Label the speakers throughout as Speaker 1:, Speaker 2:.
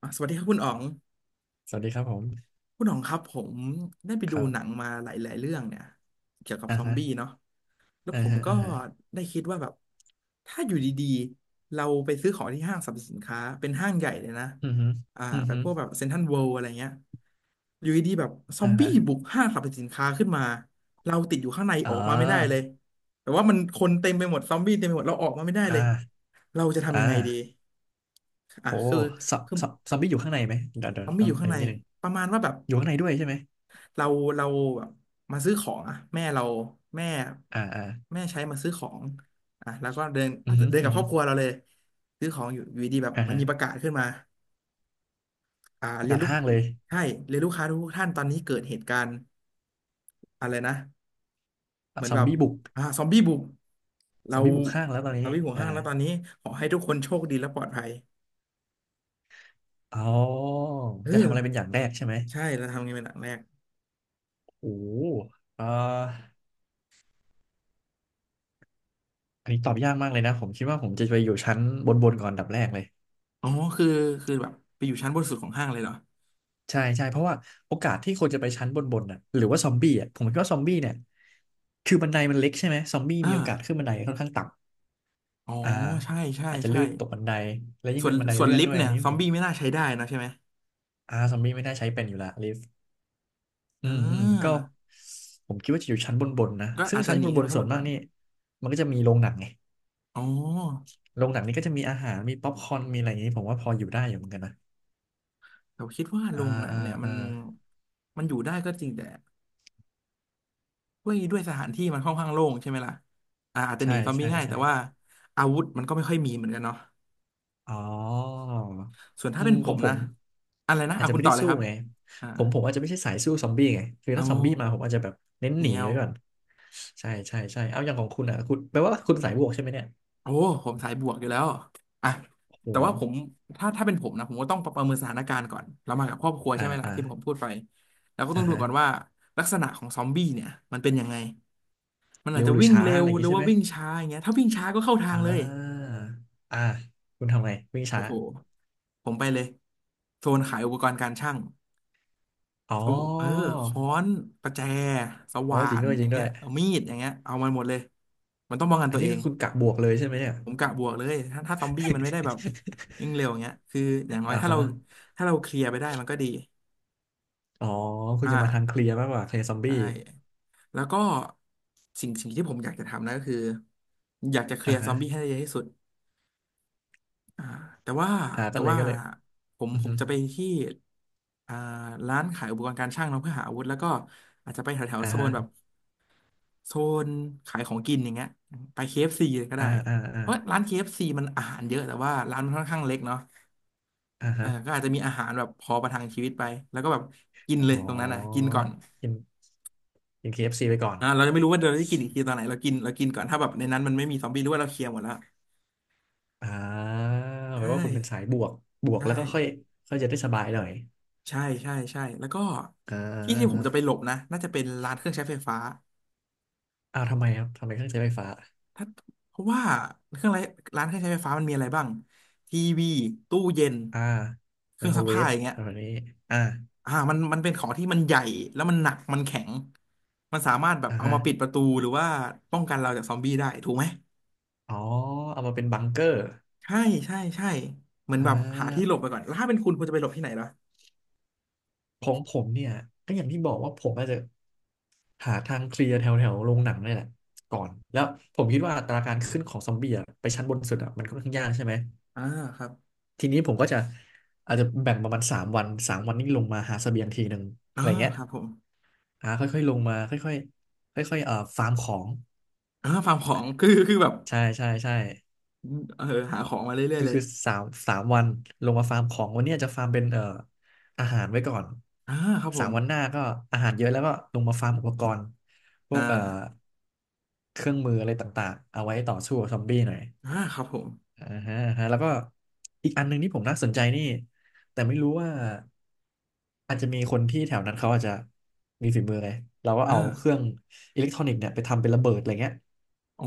Speaker 1: สวัสดีครับคุณอ๋อง
Speaker 2: สวัสดีครับผม
Speaker 1: คุณอ๋องครับผมได้ไป
Speaker 2: ค
Speaker 1: ดู
Speaker 2: รั
Speaker 1: หนัง
Speaker 2: บ
Speaker 1: มาหลายๆเรื่องเนี่ยเกี่ยวกับ
Speaker 2: อ่า
Speaker 1: ซอม
Speaker 2: ฮะ
Speaker 1: บี้เนาะแล้ว
Speaker 2: อ่า
Speaker 1: ผม
Speaker 2: ฮะ
Speaker 1: ก็
Speaker 2: อ่าฮะ
Speaker 1: ได้คิดว่าแบบถ้าอยู่ดีๆเราไปซื้อของที่ห้างสรรพสินค้าเป็นห้างใหญ่เลยนะ
Speaker 2: อือฮึอือ
Speaker 1: แบบ
Speaker 2: ฮึ
Speaker 1: พวกแบบเซ็นทรัลเวิลด์อะไรเงี้ยอยู่ดีๆแบบซอ
Speaker 2: อ่า
Speaker 1: มบี้
Speaker 2: ฮะ
Speaker 1: บุกห้างสรรพสินค้าขึ้นมาเราติดอยู่ข้างใน
Speaker 2: อ๋
Speaker 1: อ
Speaker 2: อ
Speaker 1: อกมาไม่ได้เลยแต่ว่ามันคนเต็มไปหมดซอมบี้เต็มไปหมดเราออกมาไม่ได้
Speaker 2: อ่
Speaker 1: เลย
Speaker 2: า
Speaker 1: เราจะ
Speaker 2: อ่
Speaker 1: ทำยังไงดี
Speaker 2: าโห
Speaker 1: คือ
Speaker 2: ซอ
Speaker 1: คือ
Speaker 2: ซอซอมบี้อยู่ข้างในไหมเดี๋ยวเดี๋ย
Speaker 1: ซ
Speaker 2: ว
Speaker 1: อมบี้
Speaker 2: ต้
Speaker 1: อ
Speaker 2: อง
Speaker 1: ยู่
Speaker 2: อั
Speaker 1: ข้าง
Speaker 2: น
Speaker 1: ใน
Speaker 2: นี้นิดนึง
Speaker 1: ประมาณว่าแบบ
Speaker 2: อยู่ข้างในด้วยใช่ไหม
Speaker 1: เราเราแบบมาซื้อของอะแม่เราแม่
Speaker 2: อ่าอ่า
Speaker 1: แม่ใช้มาซื้อของแล้วก็เดิน
Speaker 2: อื
Speaker 1: อาจ
Speaker 2: อ
Speaker 1: จะ
Speaker 2: ฮึ
Speaker 1: เดินกั
Speaker 2: อื
Speaker 1: บ
Speaker 2: อ
Speaker 1: คร
Speaker 2: ฮึ
Speaker 1: อบครัวเราเลยซื้อของอยู่อยู่ดีๆแบบ
Speaker 2: อ่า
Speaker 1: มัน
Speaker 2: ฮะ
Speaker 1: มีประกาศขึ้นมา
Speaker 2: ประ
Speaker 1: เรีย
Speaker 2: กา
Speaker 1: น
Speaker 2: ศ
Speaker 1: ลูก
Speaker 2: ห้างเลย
Speaker 1: ใช่เรียนลูกค้าทุกท่านตอนนี้เกิดเหตุการณ์อะไรนะเห
Speaker 2: อ่ะ
Speaker 1: มือน
Speaker 2: ซอ
Speaker 1: แบ
Speaker 2: ม
Speaker 1: บ
Speaker 2: บี้บุก
Speaker 1: ซอมบี้บุก
Speaker 2: ซ
Speaker 1: เรา
Speaker 2: อมบี้บุกห้างแล้วตอน
Speaker 1: เรา
Speaker 2: นี้
Speaker 1: วิ่งหัว
Speaker 2: อ่า
Speaker 1: ห้างแล้วตอนนี้ขอให้ทุกคนโชคดีและปลอดภัย
Speaker 2: อ๋อ
Speaker 1: เอ
Speaker 2: จะทำ
Speaker 1: อ
Speaker 2: อะไรเป็นอย่างแรกใช่ไหม
Speaker 1: ใช่เราทำไงเป็นหลังแรก
Speaker 2: โอ้โหอ่าอันนี้ตอบยากมากเลยนะผมคิดว่าผมจะไปอยู่ชั้นบนบนก่อนอันดับแรกเลย
Speaker 1: อ๋อคือคือแบบไปอยู่ชั้นบนสุดของห้างเลยเหรอ
Speaker 2: ใช่ใช่เพราะว่าโอกาสที่คนจะไปชั้นบนบนน่ะหรือว่าซอมบี้อ่ะผมคิดว่าซอมบี้เนี่ยคือบันไดมันเล็กใช่ไหมซอมบี้
Speaker 1: อ่า
Speaker 2: มีโอกาสขึ้นบันไดค่อนข้างต่
Speaker 1: อ๋อ
Speaker 2: ำอ่า
Speaker 1: ใช่ใช่
Speaker 2: อาจจะ
Speaker 1: ใช่
Speaker 2: ลื่นตกบันไดแล้วยิ่ง
Speaker 1: ส่ว
Speaker 2: เป็
Speaker 1: น
Speaker 2: นบันได
Speaker 1: ส่วน
Speaker 2: เลื่อน
Speaker 1: ลิฟ
Speaker 2: ด้ว
Speaker 1: ต์
Speaker 2: ยอั
Speaker 1: เนี่
Speaker 2: น
Speaker 1: ย
Speaker 2: นี้
Speaker 1: ซอ
Speaker 2: ผ
Speaker 1: ม
Speaker 2: ม
Speaker 1: บี้ไม่น่าใช้ได้นะใช่ไหม
Speaker 2: อ่าซอมบี้ไม่น่าใช้เป็นอยู่ละลิฟต์อื
Speaker 1: อ่
Speaker 2: มอืมก็
Speaker 1: า
Speaker 2: ผมคิดว่าจะอยู่ชั้นบนบนนะ
Speaker 1: ก็
Speaker 2: ซึ่
Speaker 1: อา
Speaker 2: ง
Speaker 1: จจะ
Speaker 2: ชั้น
Speaker 1: หนี
Speaker 2: บน
Speaker 1: ขึ้
Speaker 2: บ
Speaker 1: นไป
Speaker 2: น
Speaker 1: ข้า
Speaker 2: ส่
Speaker 1: ง
Speaker 2: ว
Speaker 1: บ
Speaker 2: น
Speaker 1: น
Speaker 2: มา
Speaker 1: ก่อ
Speaker 2: ก
Speaker 1: น
Speaker 2: นี่มันก็จะมีโรงหนังไง
Speaker 1: อ๋อ
Speaker 2: โรงหนังนี่ก็จะมีอาหารมีป๊อปคอร์นมีอะไรอย่างนี้ผมว่าพออยู่ได้อยู่เหมือนกันนะ
Speaker 1: แต่คิดว่าโร
Speaker 2: อ่า
Speaker 1: งหนัง
Speaker 2: อ่า
Speaker 1: เนี่ยมั
Speaker 2: อ่า
Speaker 1: นมันอยู่ได้ก็จริงแต่ด้วยสถานที่มันค่อนข้างโล่งใช่ไหมล่ะอาจจะห
Speaker 2: ใช่
Speaker 1: นีซอมบี้
Speaker 2: ใช่
Speaker 1: ง่าย
Speaker 2: ใช่
Speaker 1: แต่ว่าอาวุธมันก็ไม่ค่อยมีเหมือนกันเนาะ
Speaker 2: อ๋อ
Speaker 1: ส่วน
Speaker 2: อื
Speaker 1: ถ้าเป็
Speaker 2: ม
Speaker 1: นผ
Speaker 2: ขอ
Speaker 1: ม
Speaker 2: งผ
Speaker 1: นะ
Speaker 2: ม
Speaker 1: อะไรนะ
Speaker 2: อาจจะ
Speaker 1: คุณ
Speaker 2: ไม่
Speaker 1: ต่
Speaker 2: ได้
Speaker 1: อเลย
Speaker 2: สู้
Speaker 1: ครับ
Speaker 2: ไง
Speaker 1: อ่า
Speaker 2: ผมอาจจะไม่ใช่สายสู้ซอมบี้ไงคือ
Speaker 1: เอา
Speaker 2: ถ้าซอมบี้มาผมอาจจะแบบเน้น
Speaker 1: เห
Speaker 2: หนี
Speaker 1: นียว
Speaker 2: ไว้ก่อนใช่ใช่ใช่เอาอย่างของคุณอ่ะคุณแปลว่าคุณสายบวกใช่ไหมเนี่ย
Speaker 1: โอ้ผมสายบวกอยู่แล้วอ่ะ
Speaker 2: โอ้โห
Speaker 1: แต่ว่าผมถ้าเป็นผมนะผมก็ต้องประเมินสถานการณ์ก่อนเรามากับครอบครัว
Speaker 2: อ่า
Speaker 1: ใช่ไหมล่ะ
Speaker 2: อ่า
Speaker 1: ที่ผมพูดไปแล้วก็ต้อ
Speaker 2: อ่า
Speaker 1: งดู
Speaker 2: ฮะ
Speaker 1: ก่อนว่าลักษณะของซอมบี้เนี่ยมันเป็นยังไงมันอา
Speaker 2: เร็
Speaker 1: จ
Speaker 2: ว
Speaker 1: จะ
Speaker 2: หรือ
Speaker 1: วิ่ง
Speaker 2: ช้า
Speaker 1: เร็
Speaker 2: อะ
Speaker 1: ว
Speaker 2: ไรอย่าง
Speaker 1: หรื
Speaker 2: งี้
Speaker 1: อ
Speaker 2: ใช่
Speaker 1: ว่า
Speaker 2: ไหม
Speaker 1: วิ่งช้าอย่างเงี้ยถ้าวิ่งช้าก็เข้าทา
Speaker 2: อ่
Speaker 1: งเลย
Speaker 2: าอ่าคุณทำไงวิ่ง
Speaker 1: โอ้
Speaker 2: ช้า
Speaker 1: โหผมไปเลยโซนขายอุปกรณ์การช่าง
Speaker 2: อ๋อ
Speaker 1: เอาเออค้อนประแจส
Speaker 2: อ๋อ
Speaker 1: ว่า
Speaker 2: จริง
Speaker 1: น
Speaker 2: ด้วย
Speaker 1: อ
Speaker 2: จริ
Speaker 1: ย่าง
Speaker 2: งด้ว
Speaker 1: เงี้
Speaker 2: ย
Speaker 1: ยเอามีดอย่างเงี้ยเอามันหมดเลยมันต้องป้องกัน
Speaker 2: อัน
Speaker 1: ตัว
Speaker 2: นี้
Speaker 1: เอง
Speaker 2: คือคุณกะบวกเลยใช่ไหมเนี่ย
Speaker 1: ผมกะบวกเลยถ้าซอมบี้มันไม่ได้แบบวิ่งเร็วอย่างเงี้ยคืออย่าง น้อย
Speaker 2: อ่า
Speaker 1: ถ้า
Speaker 2: ฮะ
Speaker 1: เราถ้าเราเคลียร์ไปได้มันก็ดี
Speaker 2: อ๋อคุ
Speaker 1: อ
Speaker 2: ณจะมาทางเค
Speaker 1: ่า
Speaker 2: ลียร์มากกว่าเคลียร์ซอมบี้
Speaker 1: ใช่แล้วก็สิ่งที่ผมอยากจะทำนะก็คืออยากจะเคลี
Speaker 2: อ่า
Speaker 1: ยร์ซ
Speaker 2: ฮะ
Speaker 1: อมบี้ให้ได้เยอะที่สุดอ่าแต่ว่า
Speaker 2: อ่า
Speaker 1: แต่
Speaker 2: ก็เลย
Speaker 1: ว่า
Speaker 2: ก็เลย
Speaker 1: ผม
Speaker 2: อือ
Speaker 1: ผ
Speaker 2: ฮึ
Speaker 1: มจะไปที่อ่าร้านขายอุปกรณ์การช่างเนาะเพื่อหาอาวุธแล้วก็อาจจะไปแถว
Speaker 2: อ่า
Speaker 1: ๆโซน
Speaker 2: ฮะ
Speaker 1: แบบโซนขายของกินอย่างเงี้ยไป KFC เอฟซีเลยก็
Speaker 2: อ่า
Speaker 1: ได้
Speaker 2: อ่าอ่า
Speaker 1: เพราะร้านเคเอฟซีมันอาหารเยอะแต่ว่าร้านมันค่อนข้างเล็กเนาะ
Speaker 2: อ่าฮะ
Speaker 1: ก็อาจจะมีอาหารแบบพอประทังชีวิตไปแล้วก็แบบกินเลย
Speaker 2: อ๋อ
Speaker 1: ตรงนั้นกินก่อน
Speaker 2: กินกิน KFC ไปก่อน
Speaker 1: เราจะไม่รู้ว่าเราจะกินอีกทีตอนไหนเรากินเรากินก่อนถ้าแบบในนั้นมันไม่มีซอมบี้หรือว่าเราเคลียร์หมดแล้ว
Speaker 2: อ่าแป
Speaker 1: ใช่
Speaker 2: ลว่าคุณเป็นสายบวก บวก
Speaker 1: ใช่
Speaker 2: แล้วก็ค่อยค่อยจะได้สบายหน่อย
Speaker 1: ใช่ใช่ใช่แล้วก็
Speaker 2: อ่า
Speaker 1: ที่
Speaker 2: อา
Speaker 1: ที่ผมจะไปห
Speaker 2: อ่า
Speaker 1: ลบนะน่าจะเป็นร้านเครื่องใช้ไฟฟ้า
Speaker 2: อ้าวทำไมครับทำไมเครื่องใช้ไฟฟ้า
Speaker 1: ถ้าเพราะว่าเครื่องไรร้านเครื่องใช้ไฟฟ้ามันมีอะไรบ้างทีวีตู้เย็น
Speaker 2: อ่า
Speaker 1: เค
Speaker 2: ไม
Speaker 1: รื่อง
Speaker 2: โคร
Speaker 1: ซัก
Speaker 2: เว
Speaker 1: ผ้า
Speaker 2: ฟ
Speaker 1: อย่าง
Speaker 2: แถ
Speaker 1: เงี้ย
Speaker 2: วนี้อ่า
Speaker 1: มันเป็นของที่มันใหญ่แล้วมันหนักมันแข็งมันสามารถแบบ
Speaker 2: อ่า
Speaker 1: เอา
Speaker 2: ฮะ
Speaker 1: มาปิดประตูหรือว่าป้องกันเราจากซอมบี้ได้ถูกไหม
Speaker 2: อ๋อเอามาเป็นบังเกอร์
Speaker 1: ใช่ใช่ใช่เหมือน
Speaker 2: อ่
Speaker 1: แบบหาที่หล
Speaker 2: า
Speaker 1: บไปก่อนแล้วถ้าเป็นคุณคุณจะไปหลบที่ไหนเหรอ
Speaker 2: ของผมเนี่ย ก็อย่างที่บอกว่าผมอาจจะหาทางเคลียร์แถวแถวโรงหนังนี่แหละก่อน แล้วผมคิดว่าอัตราการขึ้นของซอมบี้อะไปชั้นบนสุดอะมันค่อนข้างยากใช่ไหม
Speaker 1: อ่าครับ
Speaker 2: ทีนี้ผมก็จะอาจจะแบ่งประมาณสามวันสามวันนี้ลงมาหาเสบียงทีหนึ่งอะ
Speaker 1: อ่า
Speaker 2: ไรเงี้ย
Speaker 1: ครับผม
Speaker 2: อ่าค่อยๆลงมาค่อยๆค่อยๆฟาร์มของ
Speaker 1: ฟาร์มของคือคือแบบ
Speaker 2: ใช่ใช่ใช่
Speaker 1: เออหาของมาเรื่อ
Speaker 2: ก็
Speaker 1: ยๆเลย
Speaker 2: คือสามวันลงมาฟาร์มของวันนี้อาจจะฟาร์มเป็นอาหารไว้ก่อน
Speaker 1: อ่าครับผ
Speaker 2: สาม
Speaker 1: ม
Speaker 2: วันหน้าก็อาหารเยอะแล้วก็ลงมาฟาร์มอุปกรณ์พว
Speaker 1: อ่า
Speaker 2: กเครื่องมืออะไรต่างๆเอาไว้ต่อสู้กับซอมบี้หน่อย
Speaker 1: ครับผม
Speaker 2: อ่าฮะอ่าฮะแล้วก็อีกอันหนึ่งที่ผมน่าสนใจนี่แต่ไม่รู้ว่าอาจจะมีคนที่แถวนั้นเขาอาจจะมีฝีมือไงเราก็เอา
Speaker 1: อ่า
Speaker 2: เครื่องอิเล็กทรอนิกส์เนี่ยไปทำเป็นระเบิดอะไรเงี้ย
Speaker 1: โอ้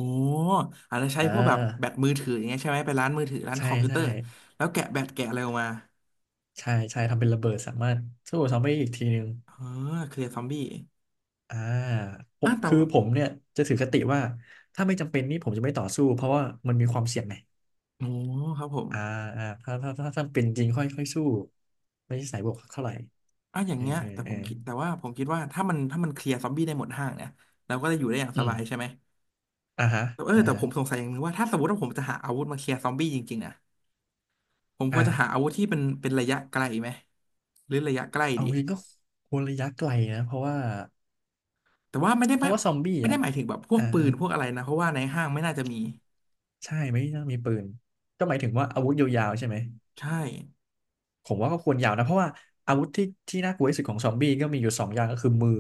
Speaker 1: อาจจะใช้
Speaker 2: อ่
Speaker 1: พวกแบบแบ
Speaker 2: า
Speaker 1: ตมือถืออย่างเงี้ยใช่ไหมไปร้านมือถือร้าน
Speaker 2: ใช่
Speaker 1: คอมพิวเต
Speaker 2: ใช่
Speaker 1: อร์แล้วแกะแบตแกะอะไรออกมา
Speaker 2: ใช่ใช่ทำเป็นระเบิดสามารถสู้ซอมบี้อีกทีนึง
Speaker 1: เออเคลียร์ซอมบี้
Speaker 2: อ่าผม
Speaker 1: แต่
Speaker 2: คือผมเนี่ยจะถือคติว่าถ้าไม่จำเป็นนี่ผมจะไม่ต่อสู้เพราะว่ามันมีความเสี่ยงไง
Speaker 1: โอ้ครับผม
Speaker 2: อ่าอ่าถ้าเป็นจริงค่อยค่อยสู้ไม่ใช่สายบวกเท่าไหร่
Speaker 1: อ่ะอย่า
Speaker 2: เอ
Speaker 1: ง
Speaker 2: อ
Speaker 1: เงี้ย
Speaker 2: เออ
Speaker 1: แต่
Speaker 2: เอ
Speaker 1: ผ
Speaker 2: อ
Speaker 1: มคิดแต่ว่าผมคิดว่าถ้ามันเคลียร์ซอมบี้ได้หมดห้างเนี่ยเราก็จะอยู่ได้อย่าง
Speaker 2: อื
Speaker 1: ส
Speaker 2: ม
Speaker 1: บายใช่ไหม
Speaker 2: อ่าฮะ
Speaker 1: แต่
Speaker 2: อ่า
Speaker 1: แต่
Speaker 2: ฮะ
Speaker 1: ผมสงสัยอย่างหนึงว่าถ้าสมมติว่าผมจะหาอาวุธมาเคลียร์ซอมบี้จริงๆนะผมค
Speaker 2: อ่า
Speaker 1: วรจะหาอาวุธที่เป็นระยะไกลไหมหรือระยะใกล้
Speaker 2: เอา
Speaker 1: ดี
Speaker 2: จริงก็คนระยะไกลนะเพราะว่า
Speaker 1: แต่ว่า
Speaker 2: เพราะว่าซอมบี้
Speaker 1: ไม่ได้
Speaker 2: อ่ะ
Speaker 1: หมายถึงแบบพวก
Speaker 2: อ่า
Speaker 1: ปืนพวกอะไรนะเพราะว่าในห้างไม่น่าจะมี
Speaker 2: ใช่ไม่น่ามีปืนก็หมายถึงว่าอาวุธยาวๆใช่ไหม
Speaker 1: ใช่
Speaker 2: ผมว่าก็ควรยาวนะเพราะว่าอาวุธที่น่ากลัวที่สุดของซอมบี้ก็มีอยู่สองอย่างก็คือมือ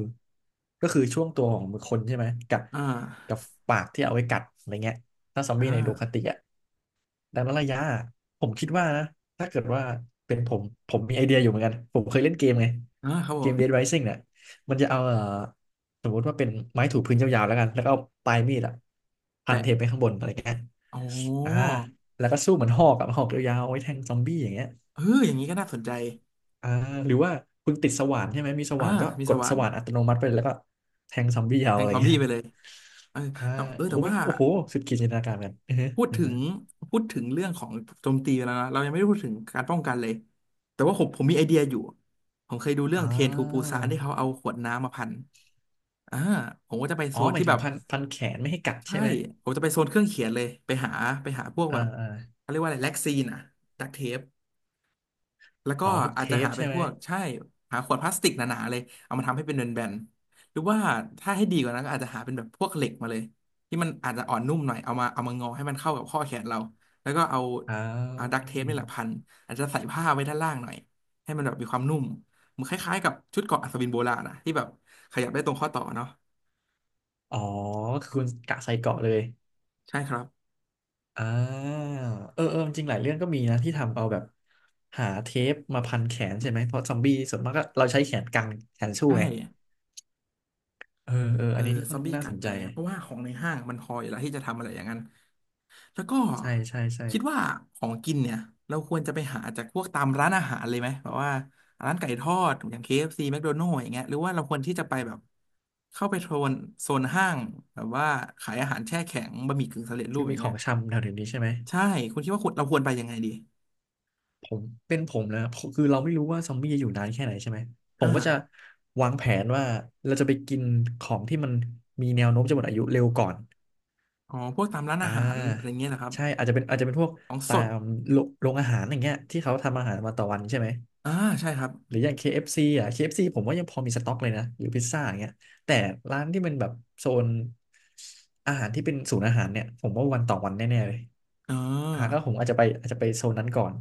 Speaker 2: ก็คือช่วงตัวของมือคนใช่ไหมกับ
Speaker 1: อ่า
Speaker 2: กับปากที่เอาไว้กัดอะไรเงี้ยถ้าซอม
Speaker 1: อ่
Speaker 2: บี้ในโดคาติ
Speaker 1: า
Speaker 2: อ่ะดังนั้นระยะผมคิดว่านะถ้าเกิดว่าเป็นผมผมมีไอเดียอยู่เหมือนกันผมเคยเล่นเกมไง
Speaker 1: อ่าครับ
Speaker 2: เก
Speaker 1: ผ
Speaker 2: ม Dead
Speaker 1: ม
Speaker 2: Rising เนี่ยมันจะเอาสมมติว่าเป็นไม้ถูพื้นยาวๆแล้วกันแล้วก็เอาปลายมีดอะพัน
Speaker 1: แปะ
Speaker 2: เทปไปข้างบนอะไรเงี้ย
Speaker 1: โอ้
Speaker 2: อ่าแล้วก็สู้เหมือนหอกอะหอกยาวๆเอาไว้แทงซอมบี้อย่างเงี้ย
Speaker 1: เอออย่างนี้ก็น่าสนใจ
Speaker 2: อ่าหรือว่าคุณติดสว่านใช่ไหมมีส
Speaker 1: อ่า
Speaker 2: ว่านก็
Speaker 1: มี
Speaker 2: ก
Speaker 1: ส
Speaker 2: ด
Speaker 1: ว่า
Speaker 2: ส
Speaker 1: น
Speaker 2: ว่านอัตโนมัติไปแล้วก็แทงซอมบี้เอา
Speaker 1: แท
Speaker 2: อะ
Speaker 1: ง
Speaker 2: ไร
Speaker 1: ซอม
Speaker 2: เงี้
Speaker 1: บี้
Speaker 2: ย
Speaker 1: ไปเลยเออ
Speaker 2: อ่า
Speaker 1: แล้วเออ
Speaker 2: โอ
Speaker 1: แต่
Speaker 2: โหมัน
Speaker 1: ว่า
Speaker 2: โอ้โหสุดขีดจินตนาการกันอือฮะ
Speaker 1: พูด
Speaker 2: อือ
Speaker 1: ถึ
Speaker 2: ฮ
Speaker 1: งพูดถึงเรื่องของโจมตีไปแล้วนะเรายังไม่ได้พูดถึงการป้องกันเลยแต่ว่าผมมีไอเดียอยู่ผมเคยดูเรื่อ
Speaker 2: อ่
Speaker 1: งเทรนทูปู
Speaker 2: า
Speaker 1: ซานที่เขาเอาขวดน้ำมาพันอ่าผมก็จะไป
Speaker 2: อ๋
Speaker 1: โซ
Speaker 2: อ
Speaker 1: น
Speaker 2: หมา
Speaker 1: ที่
Speaker 2: ยถึ
Speaker 1: แบ
Speaker 2: ง
Speaker 1: บ
Speaker 2: พันแขนไม่ให้กัด
Speaker 1: ใช่
Speaker 2: ใช่ไหม
Speaker 1: ผมจะไปโซนเครื่องเขียนเลยไปหาไปพวก
Speaker 2: อ่า
Speaker 1: แบบ
Speaker 2: อ่า
Speaker 1: เขาเรียกว่าอะไรแล็กซีนอะดักเทป แล้วก็
Speaker 2: อ๋อพวก
Speaker 1: อา
Speaker 2: เท
Speaker 1: จจะ
Speaker 2: ป
Speaker 1: หาเป็
Speaker 2: ใช่
Speaker 1: น
Speaker 2: ไห
Speaker 1: พ
Speaker 2: ม
Speaker 1: วกใช่หาขวดพลาสติกหนาๆเลยเอามาทำให้เป็นแบนๆหรือว่าถ้าให้ดีกว่านั้นก็อาจจะหาเป็นแบบพวกเหล็กมาเลยที่มันอาจจะอ่อนนุ่มหน่อยเอามางอให้มันเข้ากับข้อแขนเราแล้วก็เอา
Speaker 2: อ่
Speaker 1: เอาดั
Speaker 2: า
Speaker 1: กเทปนี่แหละพันอาจจะใส่ผ้าไว้ด้านล่างหน่อยให้มันแบบมีความนุ่มมันคล้ายๆกับชุดเกราะอัศวินโบราณนะที่แบบขยับได้ตรงข้อต่อเนาะ
Speaker 2: อ๋อคือคุณกะใส่เกาะเลย
Speaker 1: ใช่ครับ
Speaker 2: อ่าเออเออจริงๆหลายเรื่องก็มีนะที่ทำเอาแบบหาเทปมาพันแขนใช่ไหมเพราะซอมบี้ส่วนมากก็เราใช้แขนกันแขนสู้
Speaker 1: ใช่
Speaker 2: ไงเออเออ
Speaker 1: เอ
Speaker 2: อั
Speaker 1: อ
Speaker 2: นนี้ก็
Speaker 1: ซ
Speaker 2: ค่อ
Speaker 1: อ
Speaker 2: น
Speaker 1: ม
Speaker 2: ข้า
Speaker 1: บี้
Speaker 2: งน่า
Speaker 1: กั
Speaker 2: ส
Speaker 1: ด
Speaker 2: น
Speaker 1: อะ
Speaker 2: ใจ
Speaker 1: ไรเงี้ยเพราะว่าของในห้างมันพออยู่แล้วที่จะทำอะไรอย่างนั้น แล้วก็
Speaker 2: ใช่ใช่ใช่
Speaker 1: คิดว่าของกินเนี่ยเราควรจะไปหาจากพวกตามร้านอาหารเลยไหมแบบว่าร้านไก่ทอดอย่าง KFC McDonald's อฟซีแมคโดนัลด์อย่างเงี้ยหรือว่าเราควรที่จะไปแบบเข้าไปโซนห้างแบบว่าขายอาหารแช่แข็งบะหมี่กึ่งสำเร็จรู
Speaker 2: ที่
Speaker 1: ปอ
Speaker 2: มี
Speaker 1: ย่าง
Speaker 2: ขอ
Speaker 1: เงี้
Speaker 2: ง
Speaker 1: ย
Speaker 2: ชำแถวๆนี้ใช่ไหม
Speaker 1: ใช่คุณคิดว่าควรเราควรไปยังไงดี
Speaker 2: ผมเป็นผมนะผมคือเราไม่รู้ว่าซอมบี้จะอยู่นานแค่ไหนใช่ไหมผ
Speaker 1: อ่า
Speaker 2: มก็จะวางแผนว่าเราจะไปกินของที่มันมีแนวโน้มจะหมดอายุเร็วก่อน
Speaker 1: อ๋อพวกตามร้าน
Speaker 2: อ่
Speaker 1: อาหารอะไร
Speaker 2: า
Speaker 1: เงี้ยนะครับ
Speaker 2: ใช่อาจจะเป็นพวก
Speaker 1: ของส
Speaker 2: ตา
Speaker 1: ด
Speaker 2: มโรงอาหารอย่างเงี้ยที่เขาทำอาหารมาต่อวันใช่ไหม
Speaker 1: อ่าใช่ครับ
Speaker 2: หรืออย่าง KFC อฟซีอ่ะ KFC ผมว่ายังพอมีสต็อกเลยนะหรือพิซซ่าอย่างเงี้ยแต่ร้านที่มันแบบโซนอาหารที่เป็นศูนย์อาหารเนี่ยผมว่าวันต่อวันแน่ๆเลย
Speaker 1: เอ่
Speaker 2: อ่าก็
Speaker 1: า
Speaker 2: ผมอาจจะไปโซนนั้นก่อน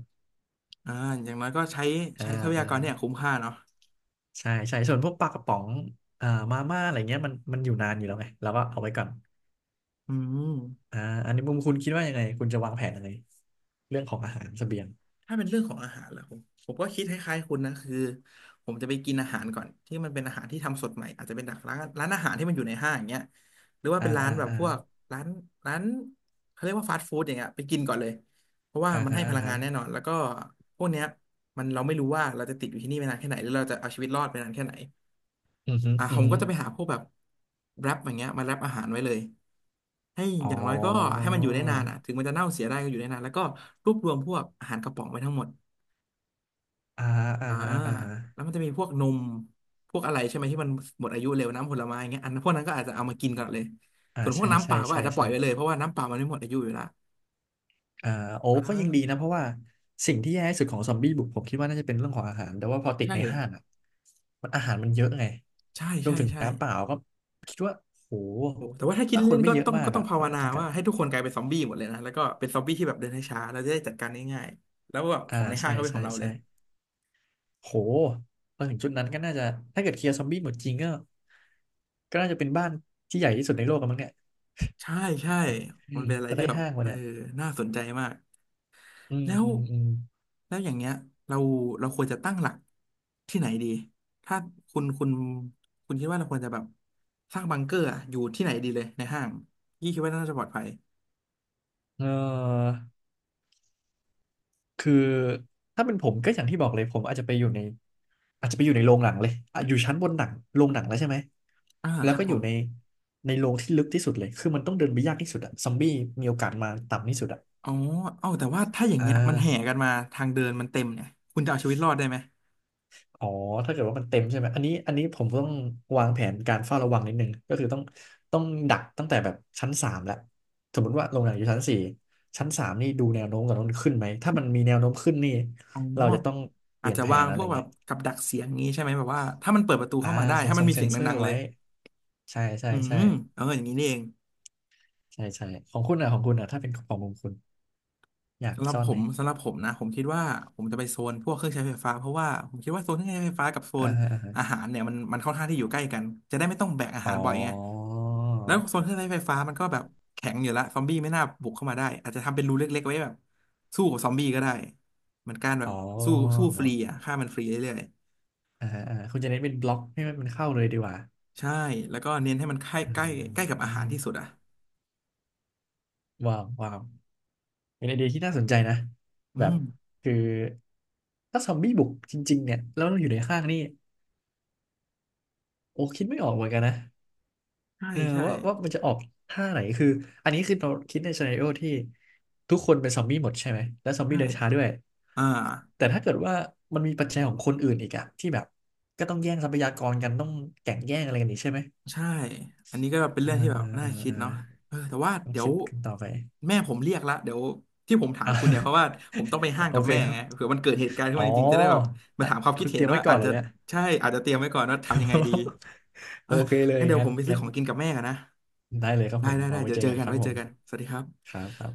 Speaker 1: อ่าอย่างน้อยก็ใช้
Speaker 2: อ่า
Speaker 1: ใช้ทรัพยา
Speaker 2: อ่า
Speaker 1: กรเนี่ยคุ้มค่าเนาะ
Speaker 2: ใช่ใช่ส่วนพวกปลากระป๋องอ่ามาม่าอะไรเงี้ยมันอยู่นานอยู่แล้วไงเราก็เอาไว้ก่อน
Speaker 1: อืม
Speaker 2: อ่าอันนี้มุมคุณคิดว่ายังไงคุณจะวางแผนยังไงเรื่องของอาหารเสบียง
Speaker 1: ถ้าเป็นเรื่องของอาหารล่ะผมก็คิดคล้ายๆคุณนะคือผมจะไปกินอาหารก่อนที่มันเป็นอาหารที่ทำสดใหม่อาจจะเป็นจากร้านอาหารที่มันอยู่ในห้างอย่างเงี้ยหรือว่า
Speaker 2: อ่า
Speaker 1: เป็นร้าน
Speaker 2: อ่า
Speaker 1: แบบ
Speaker 2: อ่า
Speaker 1: พวกร้านร้านเขาเรียกว่าฟาสต์ฟู้ดอย่างเงี้ยไปกินก่อนเลยเพราะว่า
Speaker 2: อ่า
Speaker 1: มัน
Speaker 2: ฮะ
Speaker 1: ให้พ
Speaker 2: อ่า
Speaker 1: ลัง
Speaker 2: ฮะ
Speaker 1: งานแน่นอนแล้วก็พวกเนี้ยมันเราไม่รู้ว่าเราจะติดอยู่ที่นี่ไปนานแค่ไหนหรือเราจะเอาชีวิตรอดไปนานแค่ไหน
Speaker 2: อือฮึ
Speaker 1: อ่ะ
Speaker 2: อื
Speaker 1: ผ
Speaker 2: อ
Speaker 1: ม
Speaker 2: ฮึ
Speaker 1: ก็จะไปหาพวกแบบแรปอย่างเงี้ยมาแรปอาหารไว้เลยให้
Speaker 2: อ๋อ
Speaker 1: อย่างน้อยก็ให้มันอยู่ได้นานอ่ะถึงมันจะเน่าเสียได้ก็อยู่ได้นานแล้วก็รวบรวมพวกอาหารกระป๋องไว้ทั้งหมด
Speaker 2: อ่าอ่า
Speaker 1: อ่า
Speaker 2: ฮะอ่าฮะ
Speaker 1: แล้วมันจะมีพวกนมพวกอะไรใช่ไหมที่มันหมดอายุเร็วน้ำผลไม้อย่างเงี้ยอันพวกนั้นก็อาจจะเอามากินก่อนเลย
Speaker 2: อ่า
Speaker 1: ส่วนพวก
Speaker 2: ใช่
Speaker 1: น้ำเป
Speaker 2: ใช่
Speaker 1: ล่าก็
Speaker 2: ใช่
Speaker 1: อาจจะปล่อ
Speaker 2: ใช่
Speaker 1: ยไปเลยเพราะว่าน้ำเปล่ามันไม่หมดอายุอยู่แลว
Speaker 2: อ่าโอ้
Speaker 1: อ่
Speaker 2: ก็ยังดีนะ
Speaker 1: า
Speaker 2: เพราะว่าสิ่งที่แย่ที่สุดของซอมบี้บุกผมคิดว่าน่าจะเป็นเรื่องของอาหารแต่ว่าพอติด
Speaker 1: ใช่
Speaker 2: ในห้างอ่ะอาหารมันเยอะไง
Speaker 1: ใช่
Speaker 2: รวม
Speaker 1: ใช่
Speaker 2: ถึง
Speaker 1: ใช่
Speaker 2: น้ำเปล่าก็คิดว่าโห
Speaker 1: โอ้แต่ว่าถ้าคิด
Speaker 2: ถ้าค
Speaker 1: เล่
Speaker 2: น
Speaker 1: นๆ
Speaker 2: ไม่
Speaker 1: ก็
Speaker 2: เยอะ
Speaker 1: ต้อง
Speaker 2: มา
Speaker 1: ก็
Speaker 2: ก
Speaker 1: ต้อ
Speaker 2: อ่ะ
Speaker 1: งภา
Speaker 2: ก็
Speaker 1: ว
Speaker 2: ไม่
Speaker 1: นา
Speaker 2: จำกัด
Speaker 1: ว่าให้ทุกคนกลายเป็นซอมบี้หมดเลยนะแล้วก็เป็นซอมบี้ที่แบบเดินช้าๆเราจะได้จัดการง่ายๆแล้วแบบข
Speaker 2: อ่า
Speaker 1: องในห้า
Speaker 2: ใช่
Speaker 1: งก็เป็นข
Speaker 2: ใช่
Speaker 1: องเราเล
Speaker 2: ใช่
Speaker 1: ย
Speaker 2: โหพอถึงจุดนั้นก็น่าจะถ้าเกิดเคลียร์ซอมบี้หมดจริงก็ก็น่าจะเป็นบ้านที่ใหญ่ที่สุดในโลกกันมั้งเนี่ย
Speaker 1: ใช่ใช่
Speaker 2: อื
Speaker 1: มัน
Speaker 2: ม
Speaker 1: เป็นอะไร
Speaker 2: ก็
Speaker 1: ที่
Speaker 2: ได้
Speaker 1: แบบ
Speaker 2: ห้างมา
Speaker 1: เออ
Speaker 2: เนี่ย
Speaker 1: น่าสนใจมาก
Speaker 2: อืม
Speaker 1: แล้ว
Speaker 2: อืมอืม
Speaker 1: แล้วอย่างเงี้ยเราเราควรจะตั้งหลักที่ไหนดีถ้าคุณคุณคุณคิดว่าเราควรจะแบบสร้างบังเกอร์อะอยู่ที่ไหนดีเลยในห้างยี่คิดว่าน่าจะปลอดภัย
Speaker 2: เออ คือถ้าเป็นผมก็อย่างที่บอกเลยผมอาจจะไปอยู่ในอาจจะไปอยู่ในโรงหนังเลยอ่ะอยู่ชั้นบนหนังโรงหนังแล้วใช่ไหม
Speaker 1: อ่า
Speaker 2: แล้ว
Speaker 1: ครับ
Speaker 2: ก็อ
Speaker 1: ผ
Speaker 2: ยู่
Speaker 1: ม
Speaker 2: ในโรงที่ลึกที่สุดเลยคือมันต้องเดินไปยากที่สุดอะซอมบี้มีโอกาสมาต่ำที่สุดอะ
Speaker 1: อ๋อเอ้าแต่ว่าถ้าอย่าง
Speaker 2: อ่
Speaker 1: เงี้ยมันแห่
Speaker 2: า
Speaker 1: กันมาทางเดินมันเต็มเนี่ยคุณจะเอาชีวิตรอดได้ไหม
Speaker 2: อ๋อถ้าเกิดว่ามันเต็มใช่ไหมอันนี้ผมต้องวางแผนการเฝ้าระวังนิดนึงก็คือต้องดักตั้งแต่แบบชั้นสามแล้วสมมติว่าโรงหนังอยู่ชั้นสี่ชั้นสามนี่ดูแนวโน้มก่อนว่ามันขึ้นไหมถ้ามันมีแนวโน้มขึ้นนี่
Speaker 1: อ๋อ
Speaker 2: เราจะต้องเป
Speaker 1: อาจ
Speaker 2: ลี่ยน
Speaker 1: จะ
Speaker 2: แผ
Speaker 1: วา
Speaker 2: น
Speaker 1: ง
Speaker 2: อะ
Speaker 1: พ
Speaker 2: ไร
Speaker 1: วกแบ
Speaker 2: เงี้
Speaker 1: บ
Speaker 2: ย
Speaker 1: กับดักเสียงงี้ใช่ไหมแบบว่าถ้ามันเปิดประตู
Speaker 2: อ่า
Speaker 1: เข้ามาได้
Speaker 2: เซ็น
Speaker 1: ถ้า
Speaker 2: ท
Speaker 1: มั
Speaker 2: ร
Speaker 1: น
Speaker 2: ง
Speaker 1: มี
Speaker 2: เซ็
Speaker 1: เสี
Speaker 2: น
Speaker 1: ยง
Speaker 2: เซอ
Speaker 1: ดั
Speaker 2: ร์
Speaker 1: งๆเล
Speaker 2: ไว้
Speaker 1: ย
Speaker 2: ใช่ใช่
Speaker 1: อื
Speaker 2: ใช่
Speaker 1: มเอออย่างนี้นี่เอง
Speaker 2: ใช่ใช่ของคุณอ่ะถ้าเป็นของคุณอยาก
Speaker 1: สำหรับ
Speaker 2: ซ่อ
Speaker 1: ผ
Speaker 2: นไหน
Speaker 1: มสำหรับผมนะผมคิดว่าผมจะไปโซนพวกเครื่องใช้ไฟฟ้าเพราะว่าผมคิดว่าโซนเครื่องใช้ไฟฟ้ากับโซ
Speaker 2: อ่า
Speaker 1: น
Speaker 2: ฮะอ่าฮะ
Speaker 1: อาหารเนี่ยมันค่อนข้างที่อยู่ใกล้กันจะได้ไม่ต้องแบกอาหา
Speaker 2: อ๋อ
Speaker 1: รบ่อยไงแล้วโซนเครื่องใช้ไฟฟ้ามันก็แบบแข็งอยู่ละซอมบี้ไม่น่าบุกเข้ามาได้อาจจะทำเป็นรูเล็กๆไว้แบบสู้กับซอมบี้ก็ได้เหมือนการแบ
Speaker 2: อ๋
Speaker 1: บ
Speaker 2: อ
Speaker 1: สู้สู้ฟรีอ่ะฆ่ามันฟรีเรื่อย
Speaker 2: อ่าฮะอ่าคุณจะเน้นเป็นบล็อกให้มันเข้าเลยดีกว่า
Speaker 1: ๆใช่แล้วก็เน้นให้มันใกล้
Speaker 2: อ่
Speaker 1: ใกล้ใกล้กับ
Speaker 2: า
Speaker 1: อาหารที่สุดอ่ะ
Speaker 2: ว้าวเป็นไอเดียที่น่าสนใจนะ
Speaker 1: อื
Speaker 2: แบบ
Speaker 1: ม
Speaker 2: คือถ้าซอมบี้บุกจริงๆเนี่ยแล้วเราอยู่ในห้างนี่โอ้คิดไม่ออกเหมือนกันนะ
Speaker 1: ใช่
Speaker 2: เออ
Speaker 1: ใช่
Speaker 2: ว่ามันจะออกท่าไหนคืออันนี้คือเราคิดในซีนาริโอที่ทุกคนเป็นซอมบี้หมดใช่ไหมและซอมบี้
Speaker 1: ใช่
Speaker 2: เดินช้าด้วย
Speaker 1: อ่า
Speaker 2: แต่ถ้าเกิดว่ามันมีปัจจัยของคนอื่นอีกอะที่แบบก็ต้องแย่งทรัพยากรกันต้องแข่งแย่งอะไรกันอีกใช่ไหม
Speaker 1: ใช่ อันนี้ก็เป็น
Speaker 2: อ่า
Speaker 1: เรื่องที่แบบ
Speaker 2: อ่า
Speaker 1: น่า
Speaker 2: อ่า
Speaker 1: คิดเนาะ
Speaker 2: อ่า
Speaker 1: เออแต่ว่า
Speaker 2: ต้อง
Speaker 1: เดี๋ย
Speaker 2: คิ
Speaker 1: ว
Speaker 2: ดกันต่อไป
Speaker 1: แม่ผมเรียกละเดี๋ยวที่ผมถาม
Speaker 2: อ่า
Speaker 1: คุณเนี่ยเพราะว่าผมต้องไปห้า ง
Speaker 2: โอ
Speaker 1: กับ
Speaker 2: เค
Speaker 1: แม่
Speaker 2: ครั
Speaker 1: ไง
Speaker 2: บ
Speaker 1: เผื่อมันเกิดเหตุการณ์ขึ้น
Speaker 2: อ๋อ
Speaker 1: มาจริงๆจะได้แบบมา
Speaker 2: อ่ะ
Speaker 1: ถามความคิ
Speaker 2: คุ
Speaker 1: ด
Speaker 2: ณเต
Speaker 1: เห็
Speaker 2: รี
Speaker 1: น
Speaker 2: ยมไว้
Speaker 1: ว่า
Speaker 2: ก่อน
Speaker 1: อาจ
Speaker 2: เหรอ
Speaker 1: จะ
Speaker 2: เนี่ย
Speaker 1: ใช่อาจจะเตรียมไว้ก่อนว่าทำยังไงดี เอ
Speaker 2: โอ
Speaker 1: อ
Speaker 2: เคเลย
Speaker 1: งั้นเดี๋ยว
Speaker 2: งั้
Speaker 1: ผ
Speaker 2: น
Speaker 1: มไปซื้อ
Speaker 2: งั้น
Speaker 1: ของกินกับแม่กันนะ
Speaker 2: ได้เลยครับ
Speaker 1: ได้
Speaker 2: ผม
Speaker 1: ได้
Speaker 2: เอา
Speaker 1: ได้
Speaker 2: ไว้
Speaker 1: เดี๋ย
Speaker 2: เจ
Speaker 1: ว
Speaker 2: อ
Speaker 1: เจอ
Speaker 2: กัน
Speaker 1: กัน
Speaker 2: ครับ
Speaker 1: ไว้
Speaker 2: ผ
Speaker 1: เจอ
Speaker 2: ม
Speaker 1: กันสวัสดีครับ
Speaker 2: ครับครับครับ